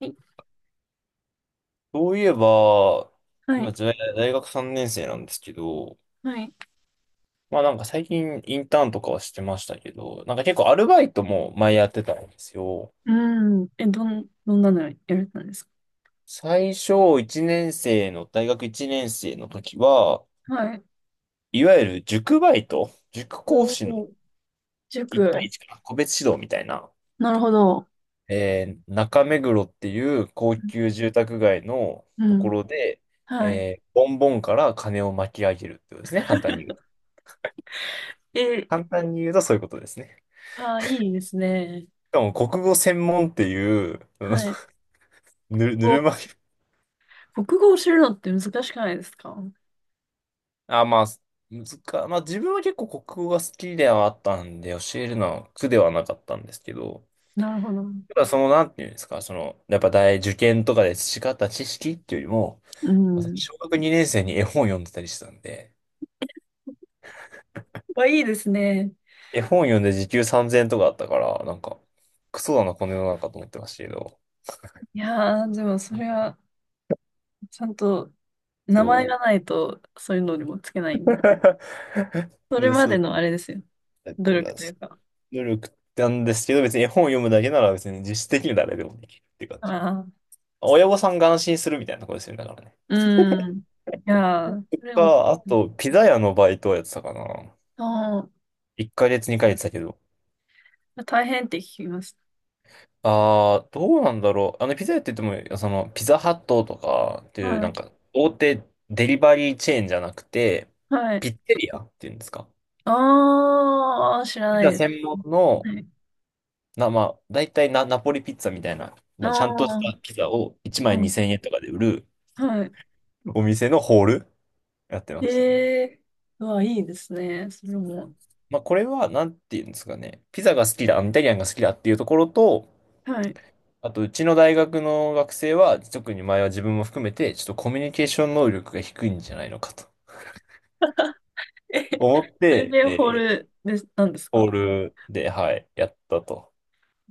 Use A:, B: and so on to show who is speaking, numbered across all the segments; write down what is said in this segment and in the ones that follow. A: い
B: そういえば、
A: は
B: 今、
A: い。
B: 大学3年生なんですけど、
A: はい。
B: 最近インターンとかはしてましたけど、なんか結構アルバイトも前やってたんですよ。
A: うん。え、どんなのやられたんですか？
B: 最初1年生の、大学1年生の時は、
A: はい。
B: いわゆる塾バイト、塾講
A: お
B: 師の
A: お、
B: 1対
A: 塾。
B: 1かな、個別指導みたいな、
A: なるほど。
B: 中目黒っていう高級住宅街の
A: う
B: とこ
A: ん。
B: ろで、
A: はい。
B: ボンボンから金を巻き上げるってことですね、簡単に言う。
A: え、
B: 簡単に言うとそういうことですね。
A: あ、いいですね。
B: しかも国語専門っていう、
A: はい。
B: ぬる
A: こ
B: ま湯。
A: う国語を知るのって難しくないですか？
B: あ、まあ、まあ自分は結構国語が好きではあったんで、教えるのは苦ではなかったんですけど、
A: なるほど。
B: ただその、なんていうんですか、その、やっぱ大受験とかで培った知識っていうよりも、
A: うん。
B: 私、小学2年生に絵本読んでたりしてたんで、
A: わ、いいですね。
B: 絵本読んで時給3000円とかあったから、なんか、クソだな、この世の中と思ってましたけど、
A: いやー、でもそれは、ちゃんと名前
B: そ
A: が
B: う。
A: ないと、そういうのにもつけない。それ
B: で、
A: ま
B: そ
A: で
B: う、
A: のあれですよ。
B: だか
A: 努力
B: ら、
A: というか。
B: 努力なんですけど、別に絵本を読むだけなら別に実質的に誰でもできるっていう感
A: あ
B: じ。
A: あ。
B: 親御さんが安心するみたいなとこですよね、だからね。
A: うん。いやー、それを、
B: あと、ピザ屋のバイトをやってたかな。
A: あ
B: 1ヶ月、2ヶ月だけど。
A: あ、大変って聞きます。
B: ああどうなんだろう。あの、ピザ屋って言っても、その、ピザハットとかっていう、
A: は
B: なん
A: い。
B: か、大手デリバリーチェーンじゃなくて、
A: はい。
B: ピッツェリアっていうんですか。
A: ああ、知ら
B: ピ
A: ない
B: ザ
A: です。
B: 専門の、
A: はい。
B: まあ、大体ナポリピッツァみたいな、
A: あ
B: ちゃんとした
A: あ、
B: ピザを1
A: う
B: 枚
A: ん。
B: 2000円とかで売る
A: はい。
B: お店のホール。やってましたね。
A: ええーうわ、いいですね。それも。
B: まあ、これは、なんていうんですかね。ピザが好きだ、イタリアンが好きだっていうところと、
A: はい。
B: あと、うちの大学の学生は、特に前は自分も含めて、ちょっとコミュニケーション能力が低いんじゃないのかと
A: え、
B: 思っ
A: それ
B: て、
A: でホールです、なんですか？
B: オー
A: め
B: ルで、はい、やったと。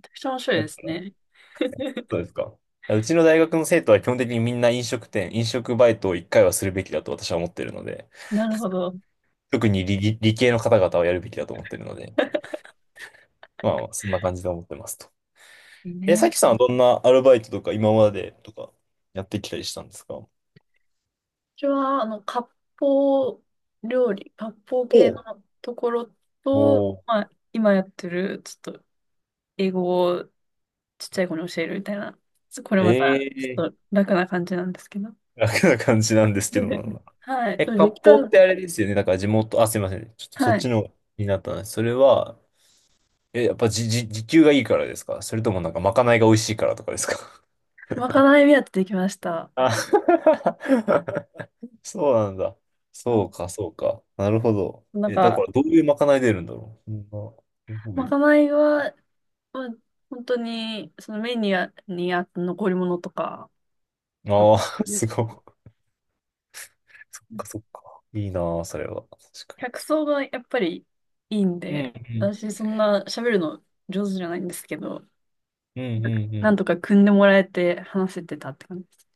A: ちゃくちゃ面白い
B: だ
A: で
B: か
A: す
B: ら、
A: ね。
B: そうですか。うちの大学の生徒は基本的にみんな飲食店、飲食バイトを一回はするべきだと私は思ってるので、
A: なるほど。
B: 特に理系の方々はやるべきだと思ってるので、まあ、そんな感じで思ってますと。
A: いい
B: え、さ
A: ね。
B: きさんはどんなアルバイトとか今までとかやってきたりしたんですかお
A: ちは、あの、割烹料理、割烹系
B: う、
A: のところ
B: お
A: と、
B: ー
A: まあ、今やってる、ちょっと、英語をちっちゃい子に教えるみたいな、これまた、ち
B: ええ
A: ょっと楽な感じなんですけど。
B: 楽な感じなんですけど な。
A: はい。
B: え、
A: そうで
B: 割
A: きた
B: 烹っ
A: の。
B: てあれですよね。だから地元、あ、すいません。ちょっとそっ
A: はい。
B: ちのになったんです。それは、え、やっぱ時給がいいからですか、それともなんかまかないが美味しいからとかですか。
A: まかない目当てできました。
B: あ、 そうなんだ。
A: う
B: そう
A: ん、
B: か、そうか。なるほど。
A: なん
B: え、だか
A: か、
B: らどういうまかない出るんだろう。そんな、すご
A: ま
B: い。
A: かないは、まあ、本当に、そのメニューにあった残り物とか、なん
B: あ
A: か
B: あ、
A: で
B: す
A: す。
B: ごい。そっかそっか。いいなぁ、それは。
A: 客層がやっぱりいいん
B: う
A: で、
B: ん、
A: 私そんな喋るの上手じゃないんですけど、
B: うん、うん、うん。う
A: なん
B: ん
A: とか組んでもらえて話せてたって感じです。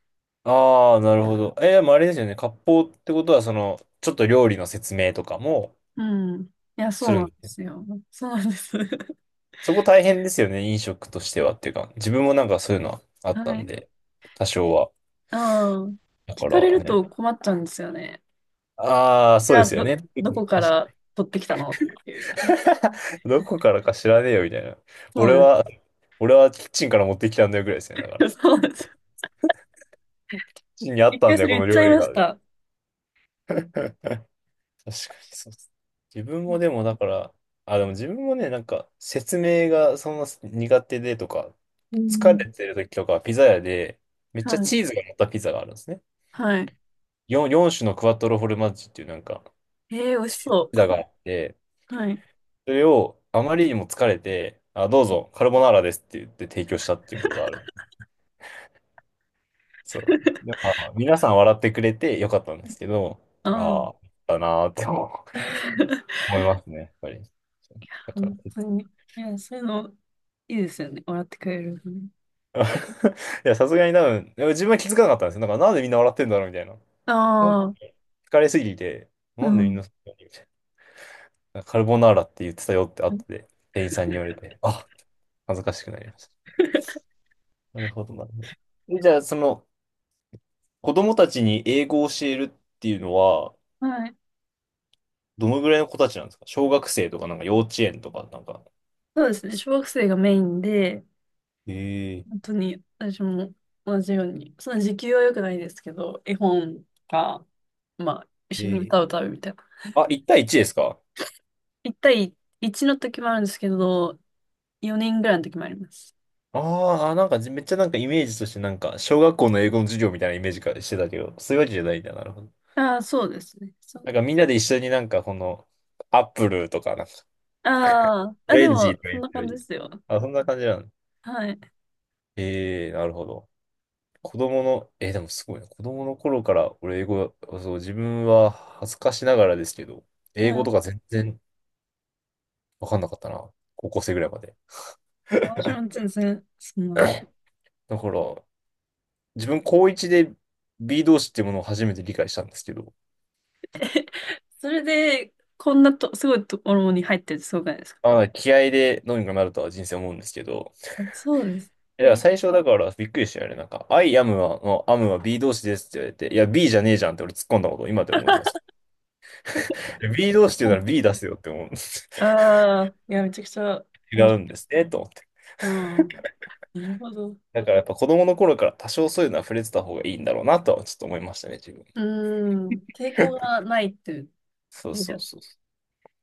B: ああ、なるほど。えー、でもあれですよね。割烹ってことは、その、ちょっと料理の説明とかも
A: うん。いや、そ
B: す
A: う
B: る
A: な
B: ん
A: ん
B: で
A: で
B: すね。
A: すよ。そうなんです。
B: そこ大変ですよね、飲食としてはっていうか。自分もなんかそういうのはあった
A: は
B: ん
A: い。
B: で、多少は。
A: ああ、
B: だ
A: 聞
B: か
A: かれ
B: ら
A: ると
B: ね。
A: 困っちゃうんですよね。
B: ああ、
A: じ
B: そう
A: ゃ
B: で
A: あ、
B: すよ
A: ど、
B: ね。確
A: どこか
B: か
A: ら
B: に
A: 取ってきたのっていう。
B: どこからか知らねえよ、みたいな。
A: そ
B: 俺
A: う
B: は、俺はキッチンから持ってきたんだよ、ぐらいですよね。だか
A: です。
B: ら。
A: そうです。
B: キッチンにあっ
A: 一
B: た
A: 回
B: んだ
A: そ
B: よ、
A: れ
B: こ
A: 言っ
B: の
A: ちゃ
B: 料
A: い
B: 理
A: ま
B: が。
A: した。
B: 確かにそうっす。自分もでもだから、あ、でも自分もね、なんか説明がそんな苦手でとか、
A: う
B: 疲
A: ん。
B: れてる時とかはピザ屋で、めっ
A: は
B: ちゃ
A: い。
B: チーズが乗ったピザがあるんですね。
A: はい。
B: 4種のクワトロフォルマッジっていうなんか、
A: ええー、美味し
B: チーズ
A: そ
B: ピザがあって、
A: う。はい。
B: それをあまりにも疲れて、あ、どうぞ、カルボナーラですって言って提供したっていうことがある。そう。やっ ぱ皆さん笑ってくれてよかったんですけど、
A: うん。
B: ああ、だなーって思いますね、やっぱり。だから。
A: 本当に。いや、そういうの、いいですよね。笑ってくれるのね。
B: あ いや、さすがに多分、でも自分は気づかなかったんですよ。なんか、なんでみんな笑ってんだろうみたいな。
A: あ
B: なん
A: あ、
B: 疲れすぎて、
A: う
B: なんでみん
A: ん。
B: なそんなにみたいな。カルボナーラって言ってたよって後で、店員さんに言われて、あ、恥ずかしくなりまし た。なるほど、なるほど。えじゃあ、その、子供たちに英語を教えるっていうのは、
A: はい。
B: どのぐらいの子たちなんですか、小学生とか、なんか幼稚園とか、なんか。
A: そうですね。小学生がメインで、
B: ええ
A: 本当に私も同じように、その時給は良くないですけど、絵本か、まあ、一
B: え
A: 緒に
B: え
A: 歌を歌うみたいな。
B: あ、1対1ですか。
A: 一対一の時もあるんですけど、4人ぐらいの時もあります。
B: なんかめっちゃなんかイメージとしてなんか小学校の英語の授業みたいなイメージかしてたけど、そういうわけじゃないんだ。なるほど。
A: ああ、そうですね。そ
B: な
A: う。
B: んかみんなで一緒になんかこのアップルとかなんか
A: ああ、
B: オ
A: あ、で
B: レンジ
A: も、
B: とか
A: そ
B: 言
A: ん
B: っ
A: な
B: て
A: 感じで
B: る。
A: すよ。
B: あ、そんな感じなの。
A: はい。
B: ええなるほど。子供の、えー、でもすごいな。子供の頃から俺英語、そう、自分は恥ずかしながらですけど、
A: は
B: 英語
A: い。
B: とか全然わかんなかったな。高校生ぐらいまで。
A: 私も 全然、そんな。
B: だから、自分高1で B 動詞っていうものを初めて理解したんですけど、
A: それで、こんなと、すごいところに入ってるってすごくないですか？
B: ああ、気合でどうにかなるとは人生思うんですけど。
A: そうです
B: いや、
A: ね。
B: 最初だからびっくりしたよね。なんか、I am は、の am は B 動詞ですって言われて、いや、B じゃねえじゃんって俺突っ込んだことを今でも覚えてます。いや B 動詞って言うなら B 出せよって思う。
A: ああ、いや、めちゃくちゃ
B: 違
A: 面
B: う
A: 白
B: ん
A: い。
B: ですね、と思って。
A: ああ、なるほど。
B: だからやっぱ子供の頃から多少そういうのは触れてた方がいいんだろうなとはちょっと思いましたね、自分。
A: うーん、抵抗がないっていう
B: そう
A: 意味
B: そ
A: で
B: う
A: は。
B: そう。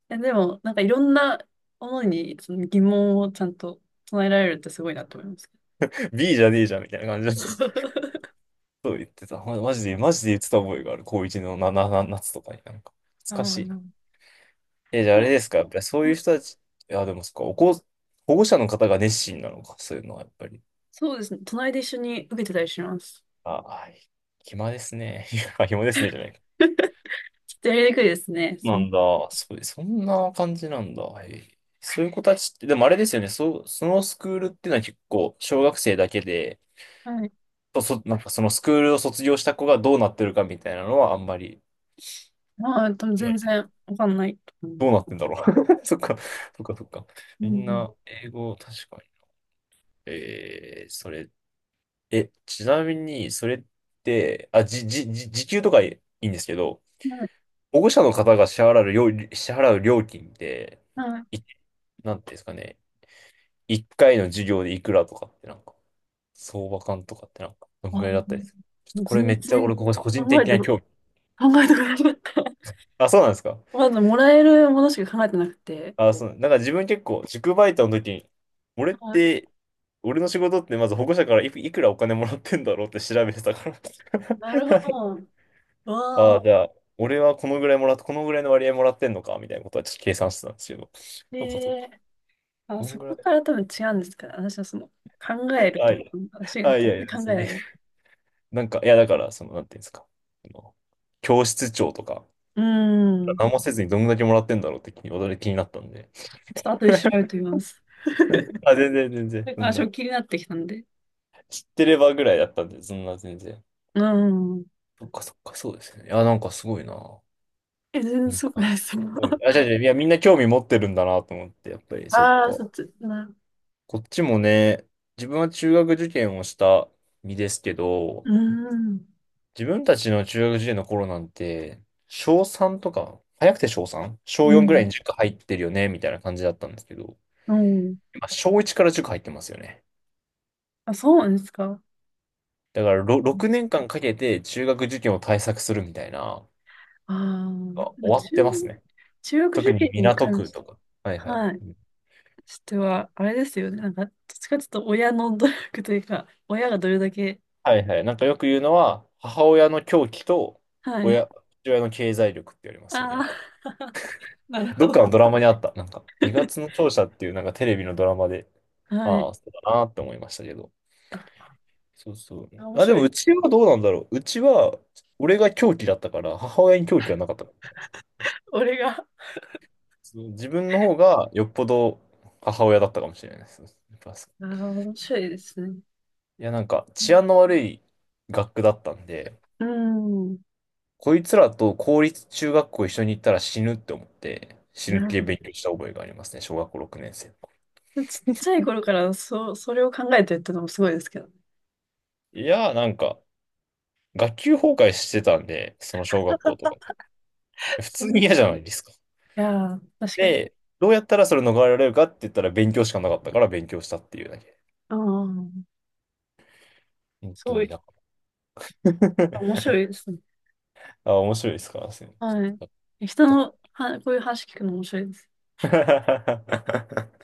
A: え、でも、なんかいろんなものにその疑問をちゃんと唱えられるってすごいなと思いますけど。
B: B じゃねえじゃんみたいな感じだった。そう言ってた。マジで、マジで言ってた覚えがある。高一のな、な、な、夏とかになんか。
A: あ
B: 懐かしい。
A: あ、
B: え、じゃああれ
A: そ
B: ですか、やっぱりそ
A: う、
B: うい
A: は
B: う
A: い。
B: 人たち、いや、でもそっか、保護者の方が熱心なのか、そういうのはやっぱり。
A: そうですね。隣で一緒に受けてたりします。
B: あ、はい。暇ですね。いや暇ですね、じゃない。
A: ちょっとやりにくいですね。そ
B: な
A: の、
B: んだ、そう、そんな感じなんだ。へえそういう子たちって、でもあれですよね、そのスクールっていうのは結構、小学生だけで、
A: はい。
B: なんかそのスクールを卒業した子がどうなってるかみたいなのはあんまり、
A: まあ、多分
B: は
A: 全
B: い、
A: 然わかんないと思
B: ど
A: う。
B: うなってんだろう。そっか、そっか、そっか。
A: う
B: みん
A: ん。
B: な、英語、確かに。えー、それ、え、ちなみに、それって、あ、じ、じ、じ、時給とかいいんですけど、
A: はい。
B: 保護者の方が支払う支払う料金って、
A: はい。
B: い、なんていうんですかね、一回の授業でいくらとかってなんか、相場感とかってなんか、どんぐ
A: あ、
B: らいだったりする。ちょっとこれめ
A: 全
B: っちゃ
A: 然
B: 俺、ここ個人
A: 考え
B: 的
A: て、
B: な
A: 考
B: 興味。
A: えてくれなかった。
B: あ、そうなんですか。
A: まず、もらえるものしか考えてなくて。
B: あ、そう、なんか自分結構、塾バイトの時に、俺っ
A: はい。
B: て、俺の仕事ってまず保護者からいくらお金もらってんだろうって調べてたから。
A: なるほ ど。わ
B: あ
A: あ。
B: あ、じゃあ、俺はこのぐらいもらっ、このぐらいの割合もらってんのか、みたいなことはちょっと計算してたんですけど。
A: え
B: そうか、そうか。
A: え、あ、
B: どん
A: そ
B: ぐらい、
A: こから多分違うんですから、私はその、考える
B: あ、
A: と、
B: いや、
A: 私、全
B: あ、いやい
A: 然考
B: や、す
A: え
B: げ
A: な
B: え。
A: い。
B: なんか、いや、だから、その、なんていうんですか。あの教室長とか、
A: うん。ち
B: 何もせずにどんだけもらってんだろうって驚き気になったんで。
A: ょっと後で調べ てみます。
B: あ、全然、全然、そ
A: あ、
B: ん
A: ちょっ
B: な。
A: と気になってきたんで。
B: 知ってればぐらいだったんで、そんな、全然。
A: うん。
B: そっか、そっか、そうですね。いや、なんかすごいな。
A: え、全然
B: みん
A: そうく
B: な。
A: ないですもん。
B: うんあ、じゃ じゃいや、みんな興味持ってるんだなと思って、やっぱり、そっ
A: ああ、
B: か。
A: そっち、な、
B: こっちもね、自分は中学受験をした身ですけど、
A: うん。
B: 自分たちの中学受験の頃なんて、小3とか、早くて小 3? 小
A: う
B: 4ぐら
A: ん。
B: いに塾入ってるよね、みたいな感じだったんですけど、
A: うん。
B: 今小1から塾入ってますよね。
A: あ、そうなんですか。
B: だから6年間かけて中学受験を対策するみたいな、
A: ああ、なん
B: あ終
A: か
B: わっ
A: 中、
B: てますね。
A: 中学
B: 特
A: 受
B: に
A: 験に
B: 港
A: 関
B: 区
A: し、
B: とか。はいはい。
A: はい、
B: うん
A: しては、あれですよね。なんか、どっちかちょっと親の努力というか、親がどれだけ、
B: はいはい。なんかよく言うのは、母親の狂気と
A: はい。
B: 親、父親の経済力って言われますよ
A: あ
B: ね。
A: あ、なるほ
B: どっか
A: ど。
B: のドラマにあった。なんか、2月の 勝者っていうなんかテレビのドラマで、
A: はい。
B: ああ、そうだなって思いましたけど。
A: あ、
B: そうそう。
A: 面
B: あ、で
A: 白
B: も
A: い。
B: うちはどうなんだろう。うちは、俺が狂気だったから、母親に狂気はなかったから。
A: 俺が、あ
B: そう自分の方がよっぽど母親だったかもしれないです。やっぱそう
A: あ、面白いですね。
B: いや、なんか治安の悪い学区だったんで、
A: うん。
B: こいつらと公立中学校一緒に行ったら死ぬって思って、死
A: な
B: ぬ
A: る
B: 気で
A: ほ
B: 勉強した覚えがありますね、小学校6年生の頃。
A: ど。ちっちゃい頃から、そう、それを考えてるってのもすごいですけどね。
B: いや、なんか、学級崩壊してたんで、その小学校とかで。普
A: そ
B: 通に
A: ん
B: 嫌
A: な、
B: じ
A: い
B: ゃないですか。
A: やー、確かに。
B: で、どうやったらそれ逃れられるかって言ったら勉強しかなかったから勉強したっていうだけ。
A: ああ、
B: 本
A: す
B: 当
A: ご
B: に
A: い、
B: だか
A: 面
B: ら。
A: 白いですね。
B: あ、面白いですから、
A: はい。人
B: だか
A: のは、こういう話聞くの面白いです。
B: ら。